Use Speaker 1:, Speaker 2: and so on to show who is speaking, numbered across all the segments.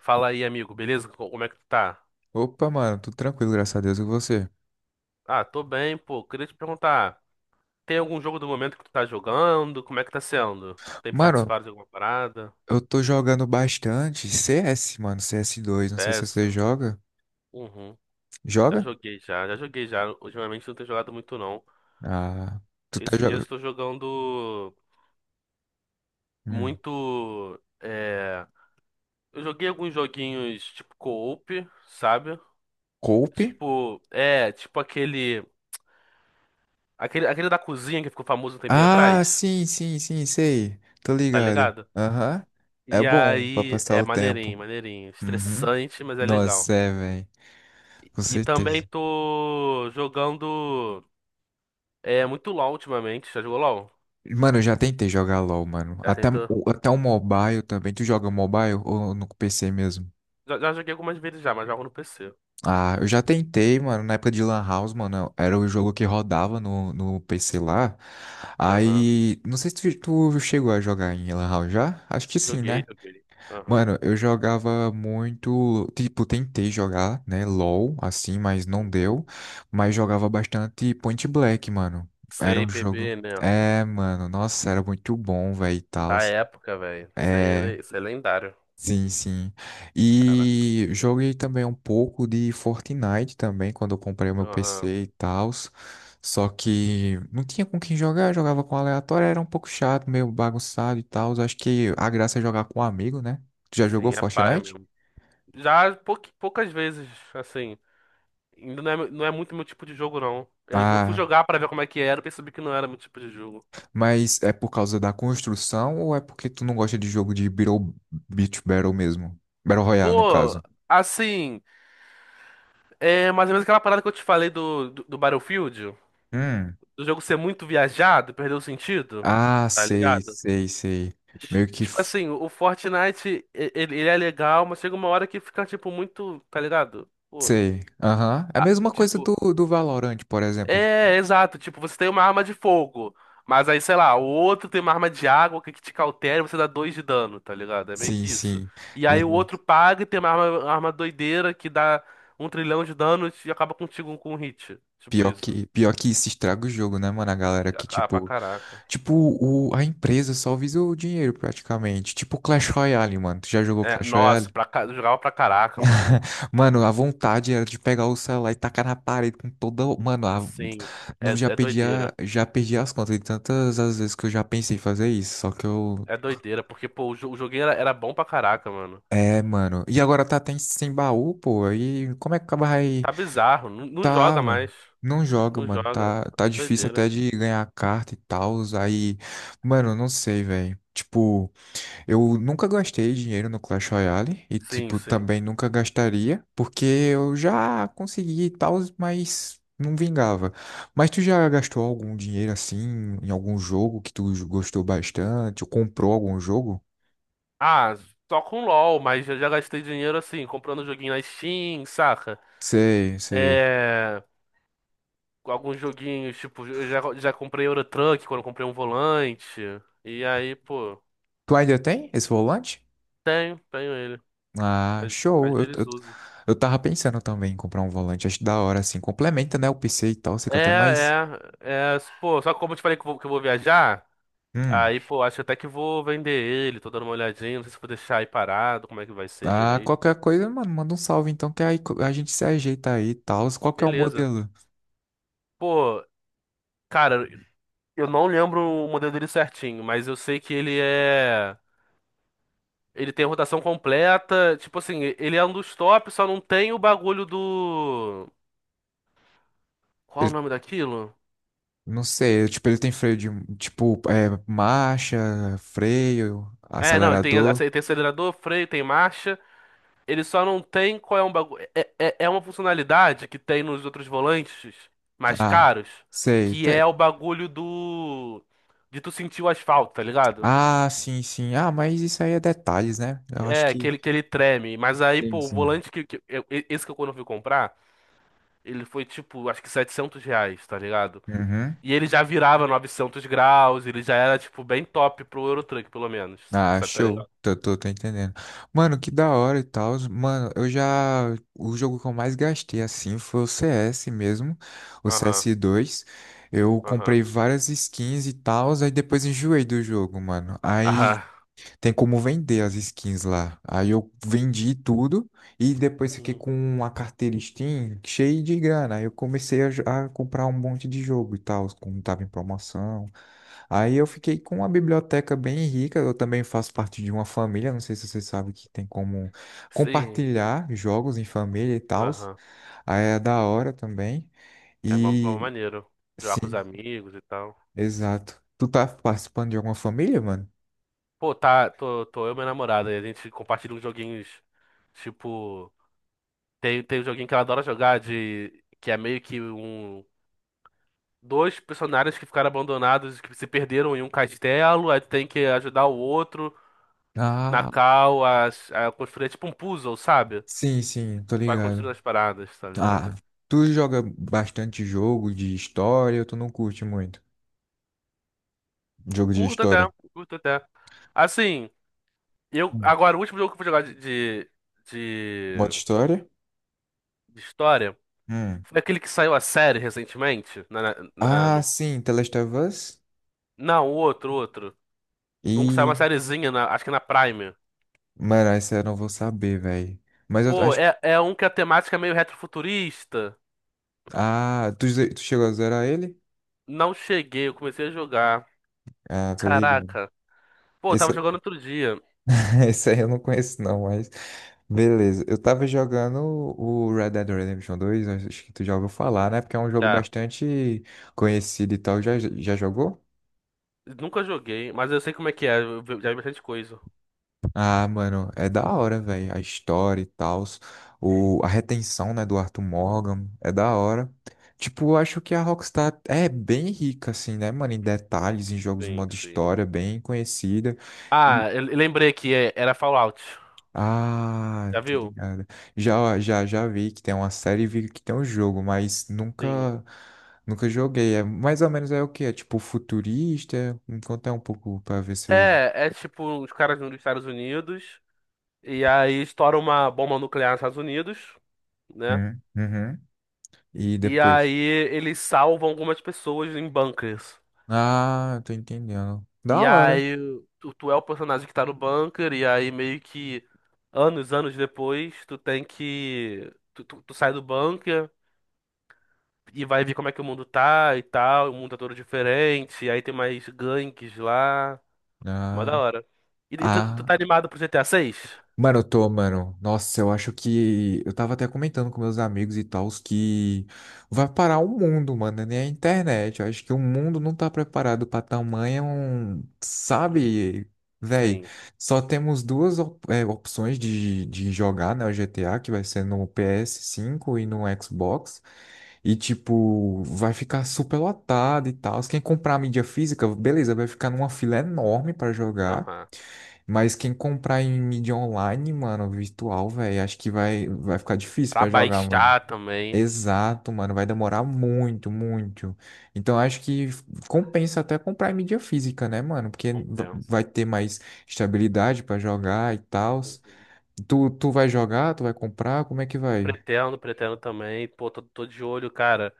Speaker 1: Fala aí, amigo, beleza? Como é que tu tá?
Speaker 2: Opa, mano, tudo tranquilo, graças a Deus, e você?
Speaker 1: Ah, tô bem, pô. Queria te perguntar, tem algum jogo do momento que tu tá jogando? Como é que tá sendo? Tem
Speaker 2: Mano,
Speaker 1: participado de alguma parada?
Speaker 2: eu tô jogando bastante CS, mano, CS2, não sei se
Speaker 1: CS?
Speaker 2: você joga.
Speaker 1: Uhum. Já
Speaker 2: Joga?
Speaker 1: joguei já, já joguei já. Ultimamente não tenho jogado muito não.
Speaker 2: Ah, tu tá
Speaker 1: Esses dias
Speaker 2: jogando...
Speaker 1: eu tô jogando
Speaker 2: Hum.
Speaker 1: muito. Eu joguei alguns joguinhos tipo co-op, sabe?
Speaker 2: Cope?
Speaker 1: Tipo aquele da cozinha que ficou famoso um tempinho atrás,
Speaker 2: Ah, sim, sim, sim, sei, tô
Speaker 1: tá
Speaker 2: ligado.
Speaker 1: ligado?
Speaker 2: Aham, é
Speaker 1: E
Speaker 2: bom pra
Speaker 1: aí,
Speaker 2: passar
Speaker 1: é
Speaker 2: o tempo.
Speaker 1: maneirinho, maneirinho.
Speaker 2: Uhum.
Speaker 1: Estressante, mas é
Speaker 2: Nossa,
Speaker 1: legal.
Speaker 2: é, velho, com
Speaker 1: E também
Speaker 2: certeza.
Speaker 1: tô jogando muito LoL ultimamente. Já jogou LoL?
Speaker 2: Mano, eu já tentei jogar LoL, mano,
Speaker 1: Já
Speaker 2: até,
Speaker 1: tentou.
Speaker 2: até o mobile também, tu joga mobile ou no PC mesmo?
Speaker 1: Já joguei algumas vezes já, mas jogo no PC.
Speaker 2: Ah, eu já tentei, mano, na época de Lan House, mano, era o jogo que rodava no PC lá.
Speaker 1: Aham.
Speaker 2: Aí, não sei se tu chegou a jogar em Lan House já? Acho que sim,
Speaker 1: Joguei,
Speaker 2: né?
Speaker 1: joguei. Aham.
Speaker 2: Mano, eu jogava muito, tipo, tentei jogar, né, LoL, assim, mas não
Speaker 1: Uhum.
Speaker 2: deu. Mas jogava bastante Point Black, mano. Era
Speaker 1: Sei,
Speaker 2: um
Speaker 1: P
Speaker 2: jogo...
Speaker 1: B né?
Speaker 2: É, mano, nossa, era muito bom, velho, e tal.
Speaker 1: Da época, velho. Isso é lendário.
Speaker 2: Sim, sim.
Speaker 1: Caraca.
Speaker 2: E joguei também um pouco de Fortnite também, quando eu comprei o meu
Speaker 1: Aham.
Speaker 2: PC e tal. Só que não tinha com quem jogar, jogava com aleatório, era um pouco chato, meio bagunçado e tal. Acho que a graça é jogar com um amigo, né? Tu já jogou
Speaker 1: Sim, é paia
Speaker 2: Fortnite?
Speaker 1: mesmo. Já poucas vezes, assim. Ainda não é muito meu tipo de jogo, não. Eu fui
Speaker 2: Ah,
Speaker 1: jogar pra ver como é que era e percebi que não era meu tipo de jogo.
Speaker 2: mas é por causa da construção ou é porque tu não gosta de jogo de Beat Battle mesmo? Battle Royale, no
Speaker 1: Pô,
Speaker 2: caso.
Speaker 1: assim, é mais ou menos aquela parada que eu te falei do Battlefield,
Speaker 2: Hum.
Speaker 1: do jogo ser muito viajado, perder o sentido,
Speaker 2: Ah,
Speaker 1: tá
Speaker 2: sei,
Speaker 1: ligado?
Speaker 2: sei, sei. Meio que.
Speaker 1: Tipo assim, o Fortnite, ele é legal, mas chega uma hora que fica, tipo, muito, tá ligado? Pô,
Speaker 2: Sei. Aham. É a mesma coisa do,
Speaker 1: tipo,
Speaker 2: do Valorant, por exemplo.
Speaker 1: é, exato. Tipo, você tem uma arma de fogo, mas aí, sei lá, o outro tem uma arma de água que te cautela e você dá dois de dano, tá ligado? É meio
Speaker 2: Sim,
Speaker 1: que isso.
Speaker 2: sim.
Speaker 1: E aí o outro
Speaker 2: Exato.
Speaker 1: paga e tem uma arma doideira que dá 1 trilhão de dano e acaba contigo com um hit. Tipo isso.
Speaker 2: Pior que isso estraga o jogo, né, mano? A galera que,
Speaker 1: Ah, pra
Speaker 2: tipo,
Speaker 1: caraca.
Speaker 2: tipo a empresa só visa o dinheiro praticamente. Tipo Clash Royale, mano. Tu já jogou
Speaker 1: É,
Speaker 2: Clash
Speaker 1: nossa,
Speaker 2: Royale?
Speaker 1: eu jogava pra caraca, mano.
Speaker 2: Mano, a vontade era de pegar o celular e tacar na parede com toda. Mano,
Speaker 1: Sim, é,
Speaker 2: não já
Speaker 1: é
Speaker 2: perdi,
Speaker 1: doideira.
Speaker 2: já perdi as contas de tantas as vezes que eu já pensei em fazer isso. Só que eu.
Speaker 1: É doideira, porque, pô, o joguinho era bom pra caraca, mano.
Speaker 2: É, mano. E agora tá até sem baú, pô. Aí como é que acaba aí?
Speaker 1: Tá bizarro, não, não
Speaker 2: Tá,
Speaker 1: joga mais.
Speaker 2: mano. Não joga,
Speaker 1: Não
Speaker 2: mano.
Speaker 1: joga.
Speaker 2: Tá
Speaker 1: É
Speaker 2: difícil
Speaker 1: doideira.
Speaker 2: até de ganhar carta e tal. Aí, mano, não sei, velho. Tipo, eu nunca gastei dinheiro no Clash Royale e,
Speaker 1: Sim,
Speaker 2: tipo,
Speaker 1: sim.
Speaker 2: também nunca gastaria, porque eu já consegui e tal, mas não vingava. Mas tu já gastou algum dinheiro assim em algum jogo que tu gostou bastante ou comprou algum jogo?
Speaker 1: Ah, só com LOL, mas eu já gastei dinheiro assim, comprando joguinho na Steam, saca?
Speaker 2: Sei, sei.
Speaker 1: É, com alguns joguinhos, tipo, eu já comprei Euro Truck quando eu comprei um volante. E aí, pô,
Speaker 2: Tu ainda tem esse volante?
Speaker 1: tenho, tenho ele.
Speaker 2: Ah,
Speaker 1: Às, às
Speaker 2: show.
Speaker 1: vezes uso.
Speaker 2: Eu tava pensando também em comprar um volante. Acho da hora, assim. Complementa, né, o PC e tal. Fica até
Speaker 1: É,
Speaker 2: mais.
Speaker 1: pô, só que como eu te falei que eu vou viajar,
Speaker 2: Hum.
Speaker 1: aí, pô, acho até que vou vender ele, tô dando uma olhadinha, não sei se vou deixar aí parado, como é que vai ser
Speaker 2: Ah,
Speaker 1: direito.
Speaker 2: qualquer coisa, mano, manda um salve então, que aí a gente se ajeita aí e tal. Qual que é o
Speaker 1: Beleza.
Speaker 2: modelo?
Speaker 1: Pô, cara, eu não lembro o modelo dele certinho, mas eu sei que ele é. Ele tem a rotação completa. Tipo assim, ele é um dos top, só não tem o bagulho do. Qual o
Speaker 2: Ele,
Speaker 1: nome daquilo?
Speaker 2: não sei, tipo, ele tem freio de. Tipo, é, marcha, freio,
Speaker 1: É, não, ele tem,
Speaker 2: acelerador.
Speaker 1: ace- tem acelerador, freio, tem marcha. Ele só não tem qual é um bagulho. É uma funcionalidade que tem nos outros volantes mais
Speaker 2: Ah,
Speaker 1: caros,
Speaker 2: sei.
Speaker 1: que
Speaker 2: Tá-.
Speaker 1: é o bagulho do. De tu sentir o asfalto, tá ligado?
Speaker 2: Ah, sim, sim. Ah, mas isso aí é detalhes, né? Eu acho
Speaker 1: É, que
Speaker 2: que.
Speaker 1: ele, que ele treme. Mas aí, pô,
Speaker 2: Sim,
Speaker 1: o
Speaker 2: sim.
Speaker 1: volante esse que eu quando eu fui comprar, ele foi tipo, acho que R$ 700, tá ligado?
Speaker 2: Uhum.
Speaker 1: E ele já virava 900 graus, ele já era, tipo, bem top pro Eurotruck, pelo menos.
Speaker 2: Ah,
Speaker 1: Você tá
Speaker 2: show.
Speaker 1: ligado?
Speaker 2: Tô entendendo. Mano, que da hora e tal. Mano, eu já. O jogo que eu mais gastei assim foi o CS mesmo, o
Speaker 1: Aham,
Speaker 2: cs dois, Eu
Speaker 1: aham,
Speaker 2: comprei várias skins e tal, aí depois enjoei do jogo, mano. Aí
Speaker 1: aham.
Speaker 2: tem como vender as skins lá. Aí eu vendi tudo e depois fiquei
Speaker 1: Uhum.
Speaker 2: com uma carteira Steam cheia de grana. Aí eu comecei a comprar um monte de jogo e tal, como tava em promoção. Aí eu fiquei com uma biblioteca bem rica. Eu também faço parte de uma família. Não sei se você sabe que tem como
Speaker 1: Sim,
Speaker 2: compartilhar jogos em família e tal.
Speaker 1: aham.
Speaker 2: Aí é da hora também.
Speaker 1: É uma
Speaker 2: E
Speaker 1: maneiro. Jogar com os
Speaker 2: sim,
Speaker 1: amigos e tal.
Speaker 2: exato. Tu tá participando de alguma família, mano?
Speaker 1: Pô, tá, tô eu e minha namorada, e a gente compartilha uns joguinhos, tipo. Tem um joguinho que ela adora jogar, de. Que é meio que um. Dois personagens que ficaram abandonados, que se perderam em um castelo, aí tu tem que ajudar o outro na
Speaker 2: Ah,
Speaker 1: cal a construir, é tipo um puzzle, sabe?
Speaker 2: sim, sim, tô
Speaker 1: Vai
Speaker 2: ligado.
Speaker 1: construindo as paradas, tá
Speaker 2: Ah,
Speaker 1: ligado?
Speaker 2: tu joga bastante jogo de história ou tu não curte muito? Jogo de
Speaker 1: Curto
Speaker 2: história.
Speaker 1: até, curto até. Assim, eu.
Speaker 2: Hum.
Speaker 1: Agora, o último jogo que eu fui jogar
Speaker 2: Modo
Speaker 1: de-
Speaker 2: história?
Speaker 1: de história
Speaker 2: Hum.
Speaker 1: foi aquele que saiu a série recentemente. Na, na- na-
Speaker 2: Ah,
Speaker 1: no-
Speaker 2: sim, The Last of Us?
Speaker 1: não, o outro, o outro. Um que saiu uma
Speaker 2: E,
Speaker 1: sériezinha, acho que na Prime.
Speaker 2: Mano, essa eu não vou saber, velho. Mas eu
Speaker 1: Pô,
Speaker 2: acho.
Speaker 1: é um que a temática é meio retrofuturista.
Speaker 2: Ah, tu chegou a zerar ele?
Speaker 1: Não cheguei, eu comecei a jogar.
Speaker 2: Ah, tô ligado.
Speaker 1: Caraca. Pô, eu
Speaker 2: Esse,
Speaker 1: tava jogando outro dia.
Speaker 2: esse aí eu não conheço, não, mas. Beleza. Eu tava jogando o Red Dead Redemption 2, acho que tu já ouviu falar, né? Porque é um jogo
Speaker 1: Já.
Speaker 2: bastante conhecido e tal. Já jogou?
Speaker 1: Nunca joguei, mas eu sei como é que é. Já vi bastante coisa.
Speaker 2: Ah, mano, é da hora, velho. A história e tal. A retenção, né, do Arthur Morgan. É da hora. Tipo, eu acho que a Rockstar é bem rica, assim, né, mano? Em detalhes, em jogos de
Speaker 1: Sim,
Speaker 2: modo
Speaker 1: sim.
Speaker 2: história, bem conhecida. E-.
Speaker 1: Ah, eu lembrei era Fallout.
Speaker 2: Ah,
Speaker 1: Já
Speaker 2: tô
Speaker 1: viu?
Speaker 2: ligado. Já vi que tem uma série e vi que tem um jogo, mas
Speaker 1: Sim.
Speaker 2: nunca joguei. É mais ou menos é o quê? É tipo futurista? Me conta um pouco pra ver se eu.
Speaker 1: É tipo os caras dos Estados Unidos e aí estoura uma bomba nuclear nos Estados Unidos, né?
Speaker 2: Uhum. E
Speaker 1: E
Speaker 2: depois?
Speaker 1: aí eles salvam algumas pessoas em bunkers.
Speaker 2: Ah, eu tô entendendo. Da
Speaker 1: E
Speaker 2: hora.
Speaker 1: aí tu é o personagem que tá no bunker e aí meio que anos, anos depois tu tem que tu sai do bunker e vai ver como é que o mundo tá e tal, o mundo tá todo diferente, e aí tem mais gangues lá. Mó da
Speaker 2: Ah,
Speaker 1: hora. E tu
Speaker 2: ah.
Speaker 1: tá animado pro GTA 6?
Speaker 2: Mano, eu tô, mano. Nossa, eu acho que. Eu tava até comentando com meus amigos e tals que vai parar o mundo, mano, né? Nem a internet. Eu acho que o mundo não tá preparado pra tamanho. Sabe, véi?
Speaker 1: Sim.
Speaker 2: Só temos duas opções de jogar, né? O GTA, que vai ser no PS5 e no Xbox. E, tipo, vai ficar super lotado e tal. Quem comprar a mídia física, beleza, vai ficar numa fila enorme pra jogar.
Speaker 1: Aham.
Speaker 2: Mas quem comprar em mídia online, mano, virtual, velho, acho que vai ficar difícil
Speaker 1: Pra
Speaker 2: pra jogar, mano.
Speaker 1: baixar também.
Speaker 2: Exato, mano, vai demorar muito, muito. Então acho que compensa até comprar em mídia física, né, mano? Porque
Speaker 1: Compensa.
Speaker 2: vai ter mais estabilidade pra jogar e tal.
Speaker 1: Uhum.
Speaker 2: Tu vai jogar, tu vai comprar, como é que vai?
Speaker 1: Pretendo, pretendo também. Pô, tô de olho, cara.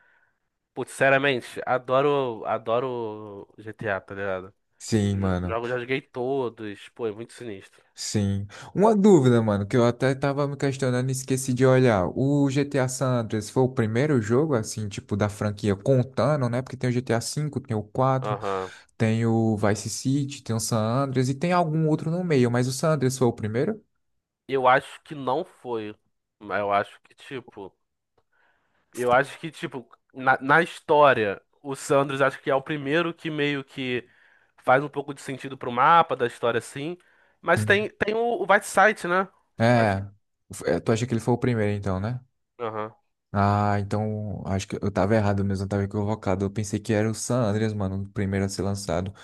Speaker 1: Putz, sinceramente, adoro GTA, tá ligado?
Speaker 2: Sim,
Speaker 1: Jo-
Speaker 2: mano.
Speaker 1: Jogo, já joguei todos. Pô, é muito sinistro.
Speaker 2: Sim. Uma dúvida, mano, que eu até tava me questionando e esqueci de olhar. O GTA San Andreas foi o primeiro jogo, assim, tipo, da franquia, contando, né? Porque tem o GTA V, tem o quatro,
Speaker 1: Aham.
Speaker 2: tem o Vice City, tem o San Andreas e tem algum outro no meio, mas o San Andreas foi o primeiro?
Speaker 1: Eu acho que não foi. Mas eu acho que, tipo, na história, o Sanders acho que é o primeiro que meio que faz um pouco de sentido pro mapa da história, assim. Mas
Speaker 2: Hum.
Speaker 1: tem o Whiteside, né? Acho que.
Speaker 2: É. Tu acha que ele foi o primeiro, então, né?
Speaker 1: Aham.
Speaker 2: Ah, então acho que eu tava errado mesmo, eu tava equivocado. Eu pensei que era o San Andreas, mano, o primeiro a ser lançado.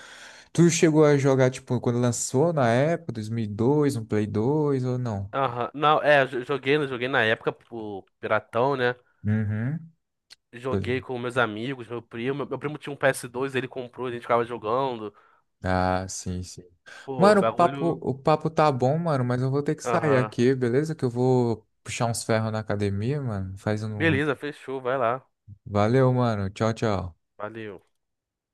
Speaker 2: Tu chegou a jogar, tipo, quando lançou na época, 2002, no PS2 ou não?
Speaker 1: Aham. Não, é, joguei, né, joguei na época pro Piratão, né?
Speaker 2: Uhum. Tô
Speaker 1: Joguei
Speaker 2: li-.
Speaker 1: com meus amigos, meu primo. Meu primo tinha um PS2, ele comprou, a gente ficava jogando.
Speaker 2: Ah, sim, sim.
Speaker 1: Pô,
Speaker 2: Mano,
Speaker 1: bagulho.
Speaker 2: o papo tá bom, mano, mas eu vou ter que sair
Speaker 1: Aham.
Speaker 2: aqui, beleza? Que eu vou puxar uns ferros na academia, mano. Faz um.
Speaker 1: Beleza, fechou, vai lá.
Speaker 2: Valeu, mano. Tchau, tchau.
Speaker 1: Valeu.